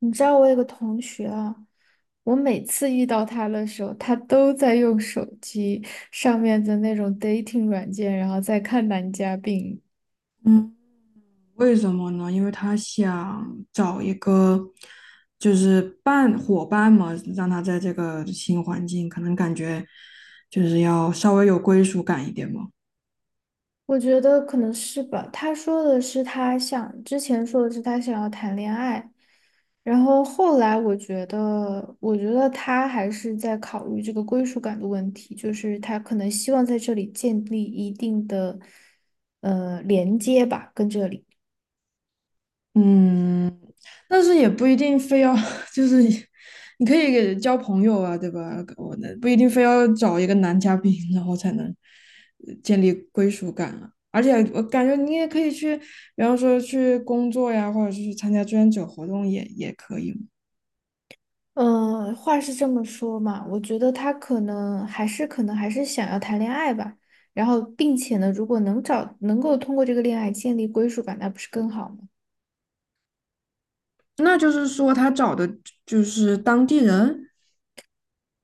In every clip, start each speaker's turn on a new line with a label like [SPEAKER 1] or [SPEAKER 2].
[SPEAKER 1] 你知道我有个同学啊，我每次遇到他的时候，他都在用手机上面的那种 dating 软件，然后在看男嘉宾。
[SPEAKER 2] 嗯，为什么呢？因为他想找一个伴伙伴嘛，让他在这个新环境，可能感觉就是要稍微有归属感一点嘛。
[SPEAKER 1] 我觉得可能是吧。他说的是他想，之前说的是他想要谈恋爱，然后后来我觉得他还是在考虑这个归属感的问题，就是他可能希望在这里建立一定的连接吧，跟这里。
[SPEAKER 2] 嗯，但是也不一定非要，就是你可以给交朋友啊，对吧？我的不一定非要找一个男嘉宾，然后才能建立归属感啊。而且我感觉你也可以去，比方说去工作呀，或者是去参加志愿者活动也可以。
[SPEAKER 1] 嗯，话是这么说嘛，我觉得他可能还是想要谈恋爱吧，然后并且呢，如果能够通过这个恋爱建立归属感，那不是更好吗？
[SPEAKER 2] 那就是说他找的就是当地人。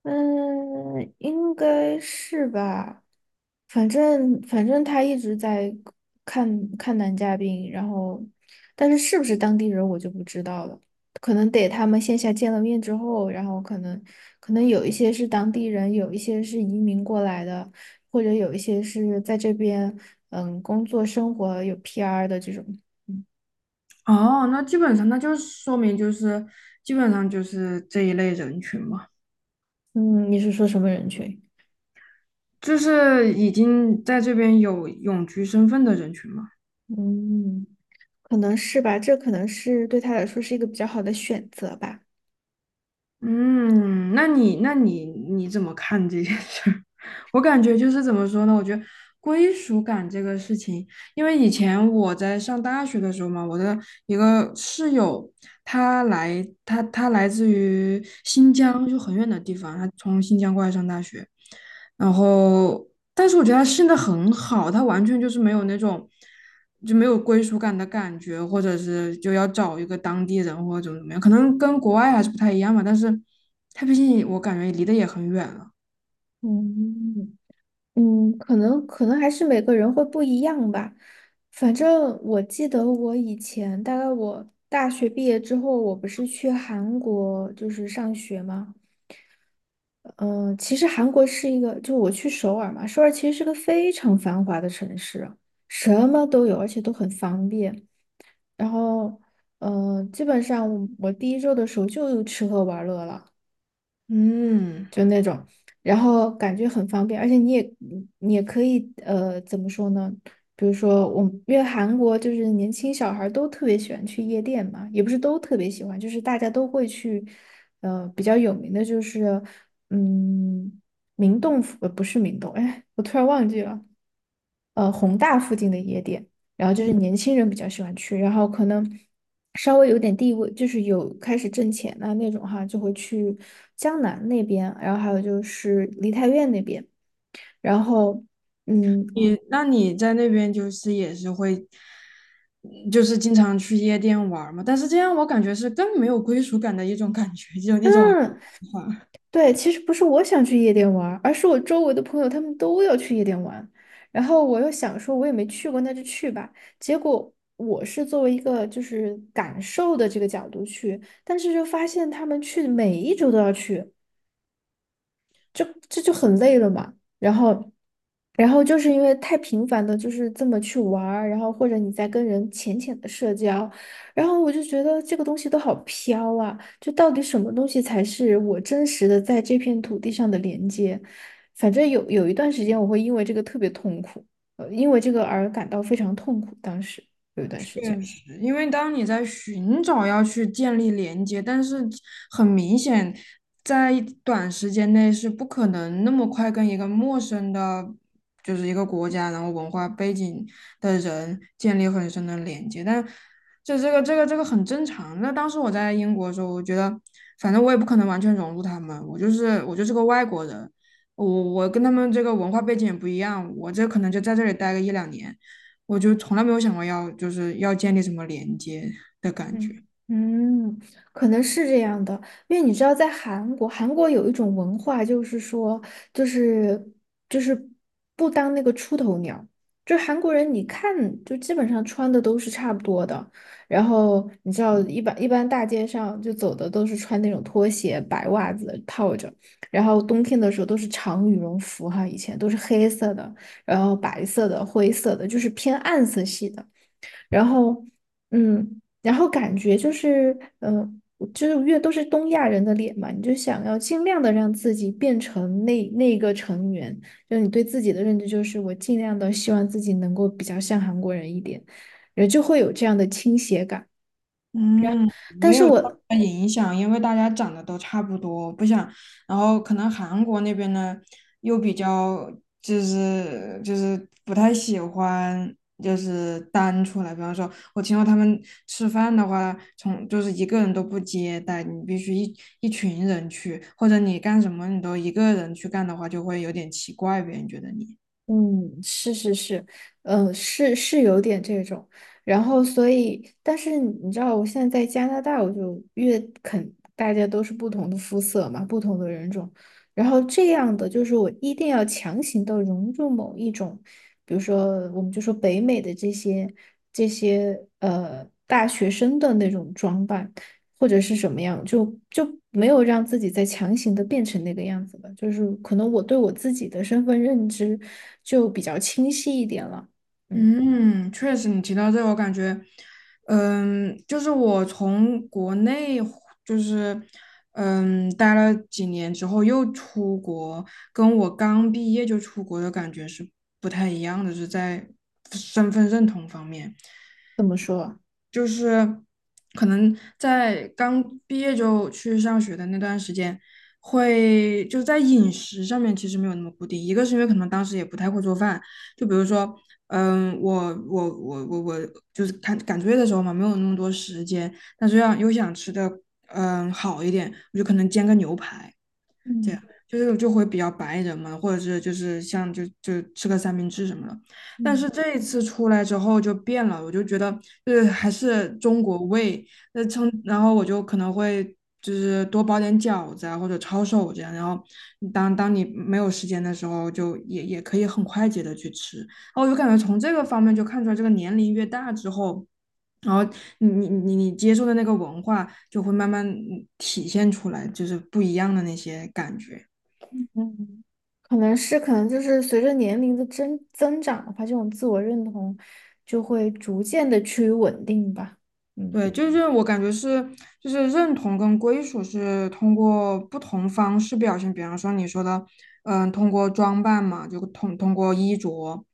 [SPEAKER 1] 嗯，应该是吧。反正他一直在看看男嘉宾，然后，但是是不是当地人我就不知道了，可能得他们线下见了面之后，然后可能有一些是当地人，有一些是移民过来的，或者有一些是在这边工作生活有 PR 的这种。
[SPEAKER 2] 哦，那基本上那就是说明就是基本上就是这一类人群嘛，
[SPEAKER 1] 嗯，你是说什么人群？
[SPEAKER 2] 就是已经在这边有永居身份的人群嘛。
[SPEAKER 1] 嗯。可能是吧，这可能是对他来说是一个比较好的选择吧。
[SPEAKER 2] 嗯，那你怎么看这件事儿？我感觉就是怎么说呢？我觉得归属感这个事情，因为以前我在上大学的时候嘛，我的一个室友，他来自于新疆，就很远的地方，他从新疆过来上大学，然后但是我觉得他现在很好，他完全就是没有那种就没有归属感的感觉，或者是就要找一个当地人或者怎么怎么样，可能跟国外还是不太一样吧。但是他毕竟我感觉离得也很远了。
[SPEAKER 1] 嗯嗯，可能还是每个人会不一样吧。反正我记得我以前，大概我大学毕业之后，我不是去韩国就是上学吗？嗯，其实韩国是一个，就我去首尔嘛，首尔其实是个非常繁华的城市啊，什么都有，而且都很方便。然后，基本上我第一周的时候就吃喝玩乐了。
[SPEAKER 2] 嗯，
[SPEAKER 1] 就那种，然后感觉很方便，而且你也可以怎么说呢？比如说我，因为韩国就是年轻小孩儿都特别喜欢去夜店嘛，也不是都特别喜欢，就是大家都会去，比较有名的就是，嗯，明洞府，不是明洞，哎，我突然忘记了，宏大附近的夜店，然后就
[SPEAKER 2] 嗯
[SPEAKER 1] 是年轻人比较喜欢去，然后可能稍微有点地位，就是有开始挣钱啊那种哈，就会去江南那边，然后还有就是梨泰院那边，然后嗯
[SPEAKER 2] 你那你在那边就是也是会，就是经常去夜店玩儿嘛？但是这样我感觉是更没有归属感的一种感觉，就那种。
[SPEAKER 1] 嗯，对，其实不是我想去夜店玩儿，而是我周围的朋友他们都要去夜店玩，然后我又想说我也没去过，那就去吧，结果。我是作为一个就是感受的这个角度去，但是就发现他们去每一周都要去，就这就很累了嘛。然后，然后就是因为太频繁的，就是这么去玩儿，然后或者你在跟人浅浅的社交，然后我就觉得这个东西都好飘啊，就到底什么东西才是我真实的在这片土地上的连接？反正有一段时间我会因为这个特别痛苦，因为这个而感到非常痛苦，当时有一段时间。
[SPEAKER 2] 确实，因为当你在寻找要去建立连接，但是很明显，在短时间内是不可能那么快跟一个陌生的，就是一个国家，然后文化背景的人建立很深的连接。但这个很正常。那当时我在英国的时候，我觉得反正我也不可能完全融入他们，我就是个外国人，我我跟他们这个文化背景也不一样，我这可能就在这里待个一两年。我就从来没有想过要就是要建立什么连接的感觉。
[SPEAKER 1] 嗯嗯，可能是这样的，因为你知道，在韩国，韩国有一种文化，就是说，就是就是不当那个出头鸟，就是韩国人，你看就基本上穿的都是差不多的，然后你知道，一般大街上就走的都是穿那种拖鞋、白袜子套着，然后冬天的时候都是长羽绒服哈，以前都是黑色的，然后白色的、灰色的，就是偏暗色系的。然后，嗯，然后感觉就是，就是越都是东亚人的脸嘛，你就想要尽量的让自己变成那个成员，就是你对自己的认知就是我尽量的希望自己能够比较像韩国人一点，人就会有这样的倾斜感。
[SPEAKER 2] 嗯，
[SPEAKER 1] 但
[SPEAKER 2] 没
[SPEAKER 1] 是
[SPEAKER 2] 有什
[SPEAKER 1] 我
[SPEAKER 2] 大影响，因为大家长得都差不多，不想，然后可能韩国那边呢又比较就是不太喜欢就是单出来，比方说我听说他们吃饭的话，从就是一个人都不接待，你必须一群人去，或者你干什么你都一个人去干的话，就会有点奇怪，别人觉得你。
[SPEAKER 1] 嗯，是是是，是是有点这种，然后所以，但是你知道，我现在在加拿大，我就越肯大家都是不同的肤色嘛，不同的人种，然后这样的就是我一定要强行的融入某一种，比如说我们就说北美的这些大学生的那种装扮，或者是什么样，就没有让自己再强行的变成那个样子了。就是可能我对我自己的身份认知就比较清晰一点了。嗯，
[SPEAKER 2] 嗯，确实，你提到这个，我感觉，嗯，就是我从国内回就是嗯待了几年之后又出国，跟我刚毕业就出国的感觉是不太一样的，是在身份认同方面。
[SPEAKER 1] 怎么说啊
[SPEAKER 2] 就是可能在刚毕业就去上学的那段时间，会就在饮食上面其实没有那么固定。一个是因为可能当时也不太会做饭，就比如说，嗯，我就是赶赶作业的时候嘛，没有那么多时间，但是要又想吃的嗯好一点，我就可能煎个牛排。
[SPEAKER 1] 嗯
[SPEAKER 2] 就是就会比较白人嘛，或者是就是像吃个三明治什么的。但
[SPEAKER 1] 嗯
[SPEAKER 2] 是这一次出来之后就变了，我就觉得就是还是中国味，那称然后我就可能会就是多包点饺子啊或者抄手这样，然后当你没有时间的时候就也可以很快捷的去吃。然后我就感觉从这个方面就看出来，这个年龄越大之后。然后你接受的那个文化就会慢慢嗯体现出来，就是不一样的那些感觉。
[SPEAKER 1] 嗯，可能是可能就是随着年龄的增长的话，这种自我认同就会逐渐的趋于稳定吧。嗯
[SPEAKER 2] 对，就是我感觉是，就是认同跟归属是通过不同方式表现，比方说你说的，嗯，通过装扮嘛，就通过衣着，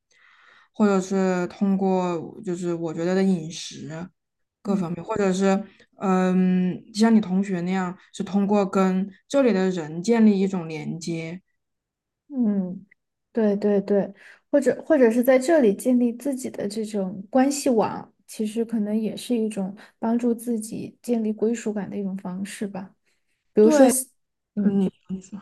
[SPEAKER 2] 或者是通过就是我觉得的饮食各
[SPEAKER 1] 嗯。
[SPEAKER 2] 方面，或者是嗯，像你同学那样，是通过跟这里的人建立一种连接。
[SPEAKER 1] 嗯，对对对，或者是在这里建立自己的这种关系网，其实可能也是一种帮助自己建立归属感的一种方式吧。比如说
[SPEAKER 2] 对，
[SPEAKER 1] 像
[SPEAKER 2] 嗯，
[SPEAKER 1] 嗯，
[SPEAKER 2] 你你说。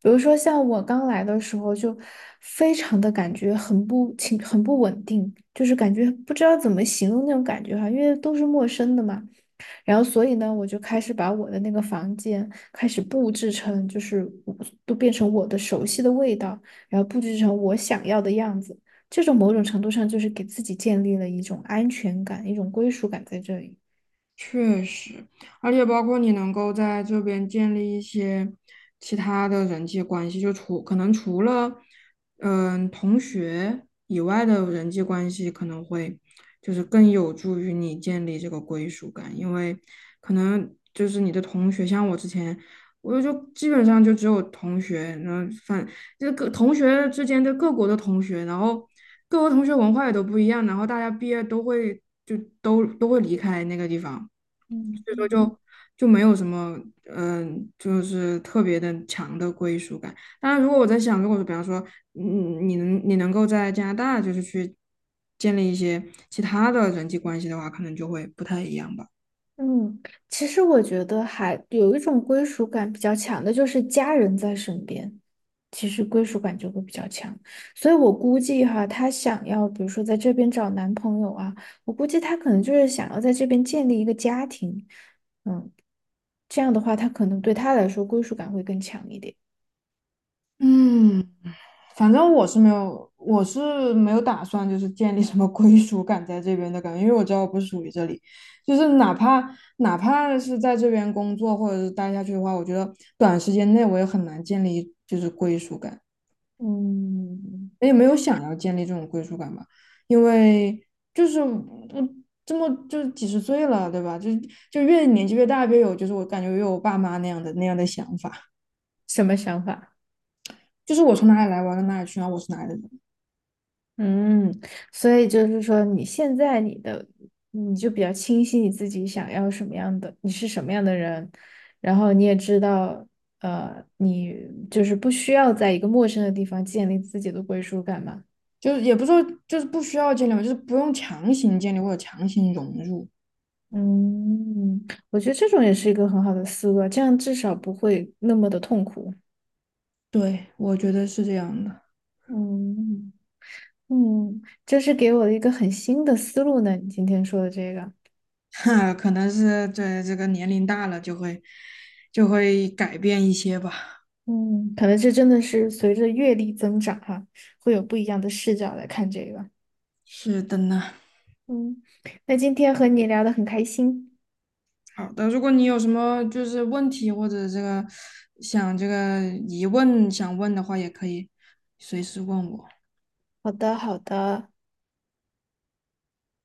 [SPEAKER 1] 比如说像我刚来的时候，就非常的感觉很不情，很不稳定，就是感觉不知道怎么形容那种感觉哈，因为都是陌生的嘛。然后，所以呢，我就开始把我的那个房间开始布置成，就是我都变成我的熟悉的味道，然后布置成我想要的样子。这种某种程度上就是给自己建立了一种安全感，一种归属感在这里。
[SPEAKER 2] 确实，而且包括你能够在这边建立一些其他的人际关系，就除可能除了嗯同学以外的人际关系，可能会就是更有助于你建立这个归属感，因为可能就是你的同学，像我之前，我就基本上就只有同学，然后反这各同学之间的各国的同学，然后各国同学文化也都不一样，然后大家毕业都会就都会离开那个地方。所
[SPEAKER 1] 嗯
[SPEAKER 2] 以说
[SPEAKER 1] 嗯。
[SPEAKER 2] 就就没有什么，嗯、就是特别的强的归属感。当然，如果我在想，如果说比方说，嗯，你能够在加拿大就是去建立一些其他的人际关系的话，可能就会不太一样吧。
[SPEAKER 1] 嗯，其实我觉得还有一种归属感比较强的，就是家人在身边，其实归属感就会比较强。所以我估计哈，她想要，比如说在这边找男朋友啊，我估计她可能就是想要在这边建立一个家庭。嗯，这样的话，她可能对她来说归属感会更强一点。
[SPEAKER 2] 嗯，反正我是没有，我是没有打算就是建立什么归属感在这边的感觉，因为我知道我不属于这里，就是哪怕是在这边工作或者是待下去的话，我觉得短时间内我也很难建立就是归属感。
[SPEAKER 1] 嗯，
[SPEAKER 2] 也没有想要建立这种归属感吧，因为就是我这么就几十岁了，对吧？就就越年纪越大，越有就是我感觉越有我爸妈那样的想法，
[SPEAKER 1] 什么想法？
[SPEAKER 2] 就是我从哪里来，我要到哪里去，然后我是哪里的人，
[SPEAKER 1] 嗯，所以就是说，你现在你的你就比较清晰你自己想要什么样的，你是什么样的人，然后你也知道，你就是不需要在一个陌生的地方建立自己的归属感嘛。
[SPEAKER 2] 就是也不是说就是不需要建立嘛，就是不用强行建立或者强行融入。
[SPEAKER 1] 嗯，我觉得这种也是一个很好的思路啊，这样至少不会那么的痛苦。
[SPEAKER 2] 对，我觉得是这样的，
[SPEAKER 1] 嗯嗯，这是给我的一个很新的思路呢，你今天说的这个。
[SPEAKER 2] 哈，可能是对这个年龄大了就会就会改变一些吧。
[SPEAKER 1] 嗯，可能这真的是随着阅历增长哈，会有不一样的视角来看这个。
[SPEAKER 2] 是的呢。
[SPEAKER 1] 嗯，那今天和你聊得很开心。
[SPEAKER 2] 好的，如果你有什么就是问题或者这个想这个疑问想问的话，也可以随时问我。
[SPEAKER 1] 好的，好的。